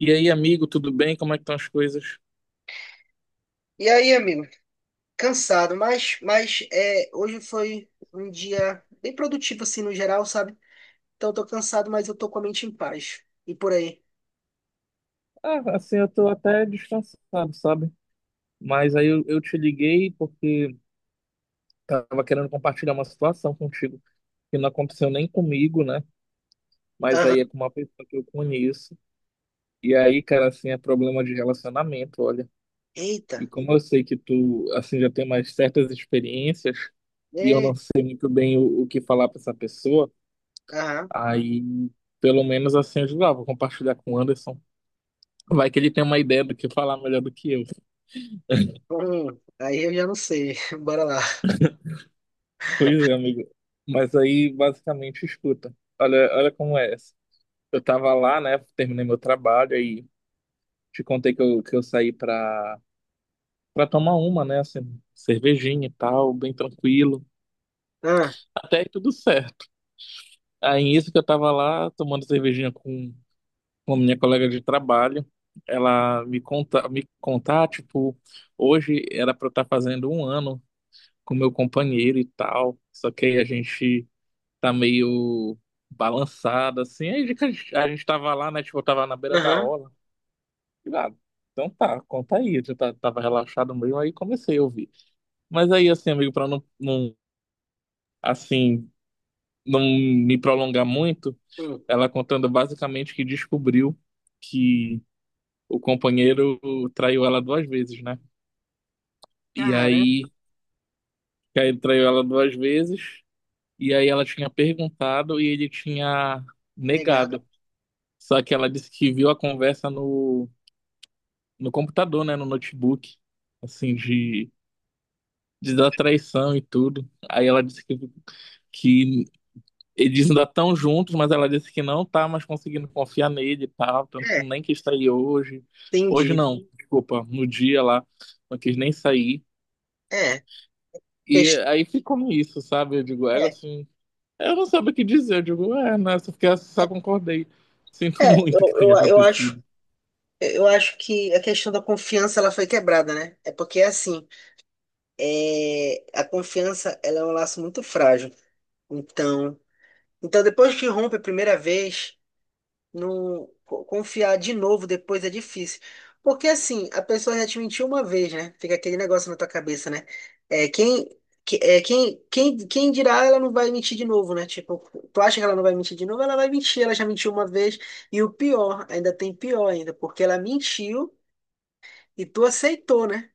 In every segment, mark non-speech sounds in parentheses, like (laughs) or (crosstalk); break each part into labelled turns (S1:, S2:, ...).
S1: E aí, amigo, tudo bem? Como é que estão as coisas?
S2: E aí, amigo, cansado, mas é, hoje foi um dia bem produtivo, assim, no geral, sabe? Então, eu tô cansado, mas eu tô com a mente em paz. E por aí?
S1: Ah, assim, eu tô até distanciado sabe? Mas aí eu te liguei porque tava querendo compartilhar uma situação contigo que não aconteceu nem comigo, né? Mas
S2: Aham.
S1: aí é com uma pessoa que eu conheço. E aí, cara, assim, é problema de relacionamento, olha.
S2: Eita.
S1: E como eu sei que tu, assim, já tem mais certas experiências e eu não
S2: É.
S1: sei muito bem o que falar pra essa pessoa,
S2: Aham.
S1: aí pelo menos assim eu digo, ah, vou compartilhar com o Anderson. Vai que ele tem uma ideia do que falar melhor do que eu.
S2: Aí eu já não sei. (laughs) Bora lá.
S1: Pois é, amigo. Mas aí, basicamente, escuta. Olha, olha como é essa. Eu tava lá, né? Terminei meu trabalho aí te contei que eu saí pra tomar uma, né? Assim, cervejinha e tal, bem tranquilo.
S2: Ah.
S1: Até aí tudo certo. Aí, isso que eu tava lá tomando cervejinha com a minha colega de trabalho. Ela me contar, tipo, hoje era pra eu estar fazendo um ano com meu companheiro e tal. Só que aí a gente tá meio balançada, assim. Aí a gente tava lá, né? Tipo, eu tava na beira da
S2: Aham.
S1: orla. E lá, então tá, conta aí. Eu tava relaxado mesmo, aí comecei a ouvir. Mas aí, assim, amigo, pra não, não, assim, não me prolongar muito,
S2: Hum.
S1: ela contando basicamente que descobriu que o companheiro traiu ela duas vezes, né? E
S2: Caramba,
S1: aí, que aí ele traiu ela duas vezes, e aí ela tinha perguntado e ele tinha
S2: negado.
S1: negado. Só que ela disse que viu a conversa no computador, né? No notebook, assim, de da traição e tudo. Aí ela disse que eles ainda estão juntos, mas ela disse que não tá mais conseguindo confiar nele e tal, tanto que
S2: É,
S1: nem quis sair hoje. Hoje
S2: entendi.
S1: não, desculpa, no dia lá, não quis nem sair.
S2: É.
S1: E
S2: ques-
S1: aí ficou isso sabe? Eu digo,
S2: É,
S1: ela
S2: é
S1: assim, eu não sabia o que dizer. Eu digo, é, né? Só, fiquei, só concordei.
S2: é,
S1: Sinto (laughs)
S2: eu,
S1: muito que tenha
S2: eu acho.
S1: acontecido.
S2: Eu acho que a questão da confiança ela foi quebrada, né? É porque assim, é, a confiança ela é um laço muito frágil. Então, então depois que rompe a primeira vez, não co- confiar de novo depois é difícil. Porque assim, a pessoa já te mentiu uma vez, né? Fica aquele negócio na tua cabeça, né? É, quem, que- é, quem, quem, quem dirá ela não vai mentir de novo, né? Tipo, tu acha que ela não vai mentir de novo? Ela vai mentir, ela já mentiu uma vez. E o pior, ainda tem pior ainda, porque ela mentiu e tu aceitou, né?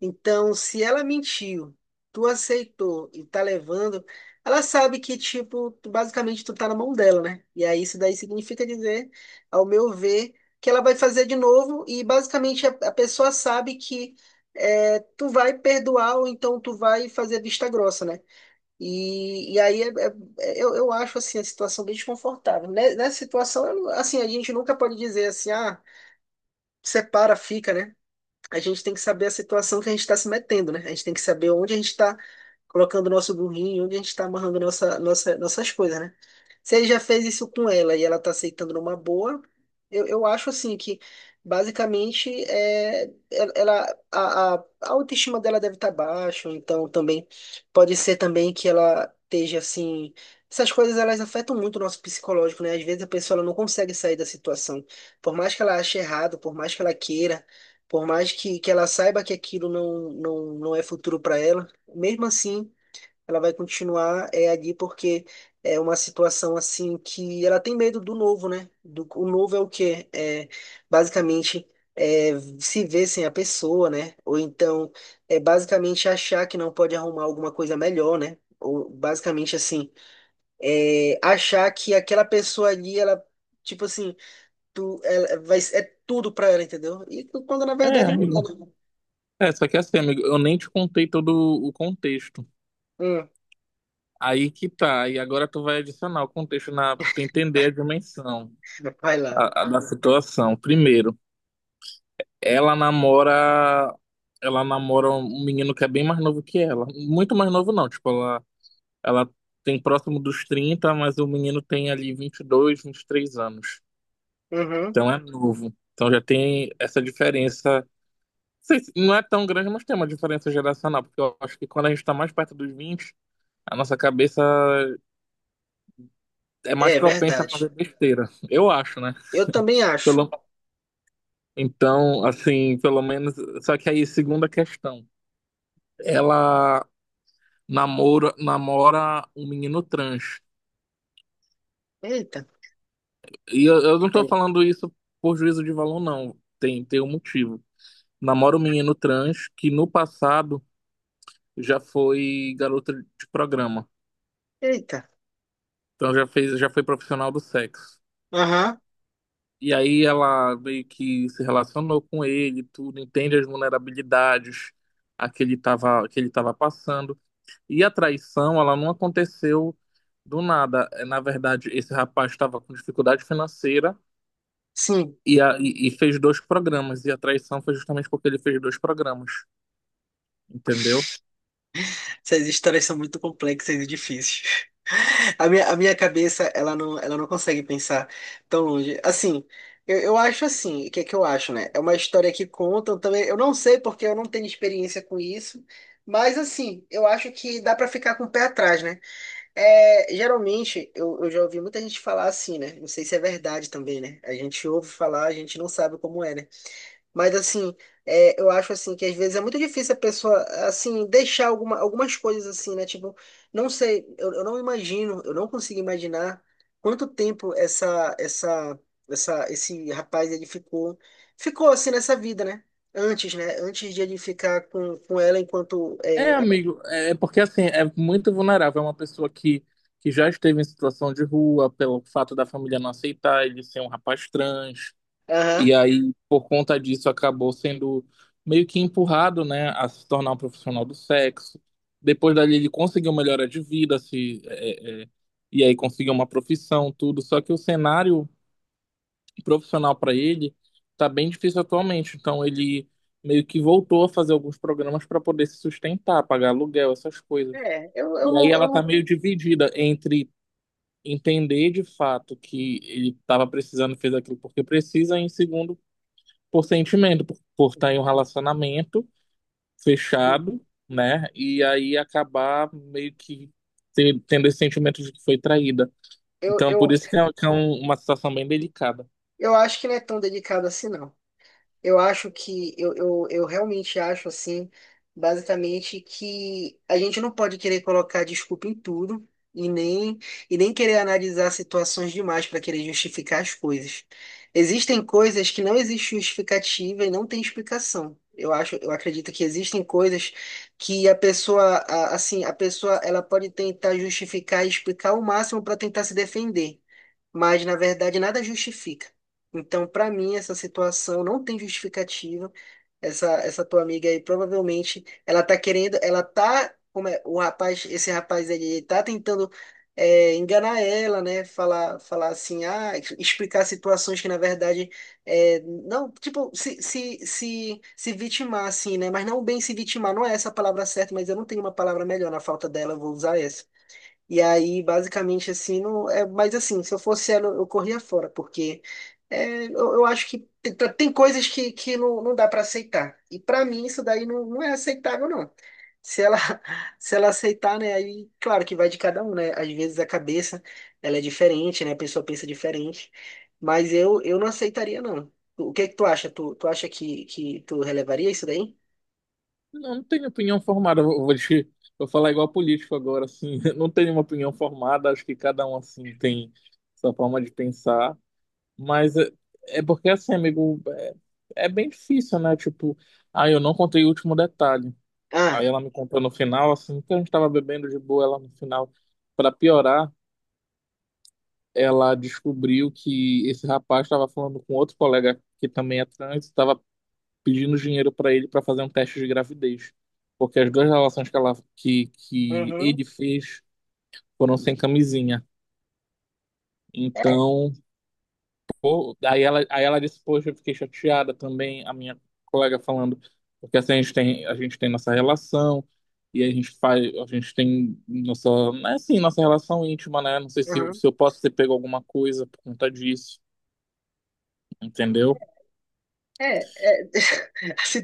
S2: Então, se ela mentiu, tu aceitou e tá levando, ela sabe que, tipo, basicamente tu tá na mão dela, né? E aí isso daí significa dizer, ao meu ver, que ela vai fazer de novo e basicamente a pessoa sabe que tu vai perdoar ou então tu vai fazer vista grossa, né? E aí, eu acho, assim, a situação bem desconfortável. Nessa situação, eu não- assim, a gente nunca pode dizer assim, ah, separa, fica, né? A gente tem que saber a situação que a gente está se metendo, né? A gente tem que saber onde a gente está colocando o nosso burrinho, onde a gente está amarrando nossa, nossas coisas, né? Se ele já fez isso com ela e ela está aceitando numa boa, eu acho assim que basicamente é, a autoestima dela deve estar baixa, ou então também pode ser também que ela esteja assim. Essas coisas elas afetam muito o nosso psicológico, né? Às vezes a pessoa ela não consegue sair da situação. Por mais que ela ache errado, por mais que ela queira, por mais que ela saiba que aquilo não é futuro para ela, mesmo assim, ela vai continuar ali porque é uma situação assim que ela tem medo do novo, né? O novo é o quê? É, basicamente, é, se ver sem a pessoa, né? Ou então, é basicamente achar que não pode arrumar alguma coisa melhor, né? Ou basicamente assim, é, achar que aquela pessoa ali, tipo assim, ela vai, é tudo pra ela, entendeu? E quando na
S1: É,
S2: verdade não
S1: amigo.
S2: é, né?
S1: É, só que assim, amigo, eu nem te contei todo o contexto.
S2: Hum.
S1: Aí que tá, e agora tu vai adicionar o contexto na, pra tu entender a dimensão
S2: Vai lá.
S1: a da situação. Primeiro, ela namora, ela namora um menino que é bem mais novo que ela. Muito mais novo não, tipo, ela tem próximo dos 30, mas o menino tem ali vinte e dois, 23 anos.
S2: Uhum.
S1: Então é novo. Então já tem essa diferença. Não sei não é tão grande, mas tem uma diferença geracional, porque eu acho que quando a gente tá mais perto dos 20, a nossa cabeça é mais
S2: É
S1: propensa a
S2: verdade.
S1: fazer besteira, eu acho, né?
S2: Eu também acho.
S1: Pelo... Então, assim, pelo menos. Só que aí, segunda questão. Ela namora um menino trans.
S2: Eita.
S1: E eu não tô
S2: Aí.
S1: falando isso por juízo de valor, não. Tem um motivo. Namora um menino trans que no passado já foi garota de programa.
S2: Eita.
S1: Então já fez, já foi profissional do sexo.
S2: Aham.
S1: E aí ela meio que se relacionou com ele, tudo, entende as vulnerabilidades a que ele estava passando. E a traição, ela não aconteceu do nada. É, na verdade, esse rapaz estava com dificuldade financeira
S2: Sim.
S1: e fez dois programas. E a traição foi justamente porque ele fez dois programas, entendeu?
S2: Essas histórias são muito complexas e difíceis. (laughs) A minha cabeça, ela não consegue pensar tão longe. Assim, eu acho assim, o que é que eu acho, né? É uma história que contam também. Eu não sei porque eu não tenho experiência com isso, mas assim, eu acho que dá pra ficar com o pé atrás, né? É, geralmente, eu já ouvi muita gente falar assim, né? Não sei se é verdade também, né? A gente ouve falar, a gente não sabe como é, né? Mas, assim, é, eu acho, assim, que às vezes é muito difícil a pessoa, assim, deixar algumas coisas assim, né? Tipo, não sei, eu não imagino, eu, não consigo imaginar quanto tempo esse rapaz, ele ficou, assim nessa vida, né? Antes, né? Antes de ele ficar com ela enquanto...
S1: É,
S2: É,
S1: amigo, é porque assim, é muito vulnerável. É uma pessoa que já esteve em situação de rua pelo fato da família não aceitar ele ser um rapaz trans.
S2: aham.
S1: E aí, por conta disso, acabou sendo meio que empurrado, né, a se tornar um profissional do sexo. Depois dali, ele conseguiu melhora de vida, se, é, é, é, e aí conseguiu uma profissão, tudo. Só que o cenário profissional para ele tá bem difícil atualmente. Então, ele meio que voltou a fazer alguns programas para poder se sustentar, pagar aluguel, essas coisas.
S2: É.
S1: E aí, ela tá meio dividida entre entender de fato que ele estava precisando, fez aquilo porque precisa, e em segundo por sentimento, por estar em um relacionamento
S2: Não
S1: fechado, né? E aí acabar meio que tendo esse sentimento de que foi traída.
S2: Eu,
S1: Então,
S2: eu,
S1: por isso que é uma situação bem delicada.
S2: eu acho que não é tão delicado assim, não. Eu acho que eu, eu realmente acho assim, basicamente, que a gente não pode querer colocar desculpa em tudo e nem, e nem querer analisar situações demais para querer justificar as coisas. Existem coisas que não existe justificativa e não tem explicação. Eu acho, eu acredito que existem coisas que a pessoa, assim, a pessoa ela pode tentar justificar e explicar o máximo para tentar se defender, mas na verdade nada justifica. Então, para mim, essa situação não tem justificativa. Essa tua amiga aí, provavelmente, ela tá querendo, ela tá, como é, esse rapaz aí, ele tá tentando enganar ela, né? Falar assim, ah, explicar situações que, na verdade, é, não, tipo, se vitimar, assim, né? Mas não bem se vitimar, não é essa a palavra certa, mas eu não tenho uma palavra melhor na falta dela, eu vou usar essa. E aí, basicamente, assim, não é, mas assim, se eu fosse ela, eu corria fora, porque eu acho que tem tem coisas que não dá para aceitar. E para mim, isso daí não é aceitável, não. Se ela, (laughs) se ela aceitar, né, aí, claro que vai de cada um, né? Às vezes a cabeça, ela é diferente, né? A pessoa pensa diferente. Mas eu não aceitaria, não. O que é que tu acha? Tu acha que tu relevaria isso daí?
S1: Não, não tenho opinião formada, (laughs) vou falar igual político agora, assim, (laughs) não tenho uma opinião formada, acho que cada um, assim, tem sua forma de pensar, mas é porque, assim, amigo, é bem difícil, né? Tipo, ah, eu não contei o último detalhe. Aí
S2: Ah,
S1: ela me contou no final, assim, que a gente estava bebendo de boa, ela no final, para piorar, ela descobriu que esse rapaz estava falando com outro colega que também é trans, estava pedindo dinheiro para ele para fazer um teste de gravidez, porque as duas relações que ela que
S2: uhum.
S1: ele fez foram sem camisinha.
S2: É.
S1: Então, pô, aí ela disse, poxa, eu fiquei chateada também, a minha colega falando, porque assim a gente tem nossa relação, e a gente tem nossa, né, assim, nossa relação íntima, né? Não sei se,
S2: Uhum.
S1: se eu posso ter pego alguma coisa por conta disso, entendeu?
S2: É, é, (laughs) assim,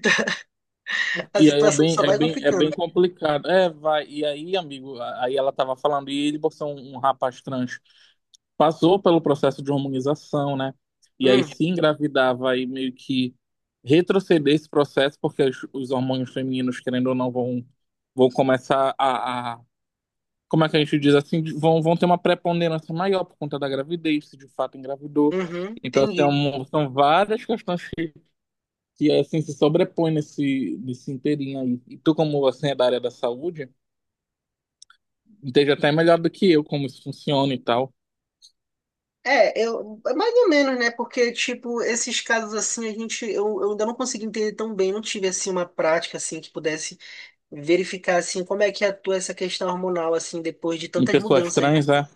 S2: a
S1: E aí é
S2: situação
S1: bem,
S2: só
S1: é
S2: vai
S1: bem, é bem
S2: complicando.
S1: complicado. É, vai, e aí, amigo, aí ela tava falando, e ele botou um rapaz trans, passou pelo processo de hormonização, né? E aí
S2: Hum,
S1: se engravidava e meio que retroceder esse processo, porque os hormônios femininos, querendo ou não, vão começar como é que a gente diz assim, vão ter uma preponderância maior por conta da gravidez, se de fato engravidou.
S2: uhum,
S1: Então, assim,
S2: entendi.
S1: são várias questões que assim, se sobrepõem nesse inteirinho aí. E tu, como assim, é da área da saúde, entende até melhor do que eu como isso funciona e tal.
S2: É, é mais ou menos, né? Porque, tipo, esses casos assim, a gente, eu ainda não consegui entender tão bem, não tive, assim, uma prática, assim, que pudesse verificar, assim, como é que atua essa questão hormonal, assim, depois de
S1: Em
S2: tantas
S1: pessoas
S2: mudanças, né?
S1: trans, é?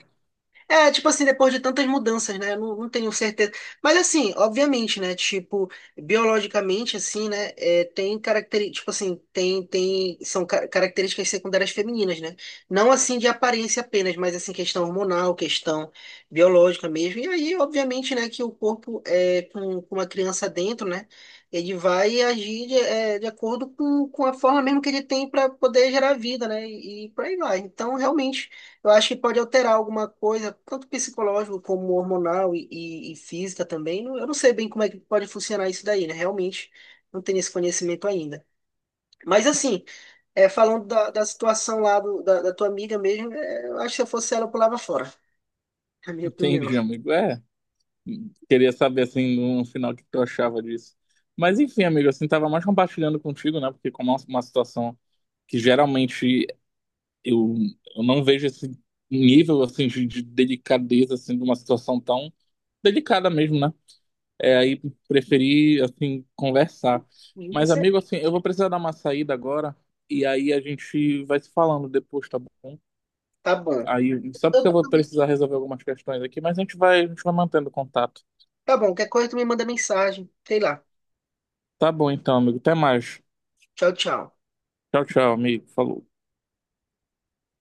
S2: É, tipo assim, depois de tantas mudanças, né? Eu não tenho certeza. Mas assim, obviamente, né? Tipo, biologicamente, assim, né? É, tem características, tipo assim, são características secundárias femininas, né? Não assim de aparência apenas, mas assim, questão hormonal, questão biológica mesmo. E aí, obviamente, né, que o corpo é com uma criança dentro, né? Ele vai agir de acordo com a forma mesmo que ele tem para poder gerar vida, né? E por aí vai. Então, realmente. Eu acho que pode alterar alguma coisa, tanto psicológico como hormonal e física também. Eu não sei bem como é que pode funcionar isso daí, né? Realmente não tenho esse conhecimento ainda. Mas assim, é, falando da situação lá da tua amiga mesmo, é, eu acho que se eu fosse ela, eu pulava fora, na minha opinião.
S1: Entendi, amigo. É. Queria saber, assim, no final, o que tu achava disso. Mas, enfim, amigo, assim, tava mais compartilhando contigo, né? Porque como é uma situação que geralmente eu, eu não vejo esse nível, assim, de delicadeza, assim, de uma situação tão delicada mesmo, né? É, aí preferi, assim, conversar.
S2: Não
S1: Mas,
S2: consegue.
S1: amigo, assim, eu vou precisar dar uma saída agora e aí a gente vai se falando depois, tá bom?
S2: Tá bom.
S1: Aí, só porque eu vou precisar resolver algumas questões aqui, mas a gente vai mantendo contato.
S2: Tá bom, qualquer coisa tu me manda mensagem. Sei lá.
S1: Tá bom então, amigo. Até mais.
S2: Tchau, tchau.
S1: Tchau, tchau, amigo. Falou.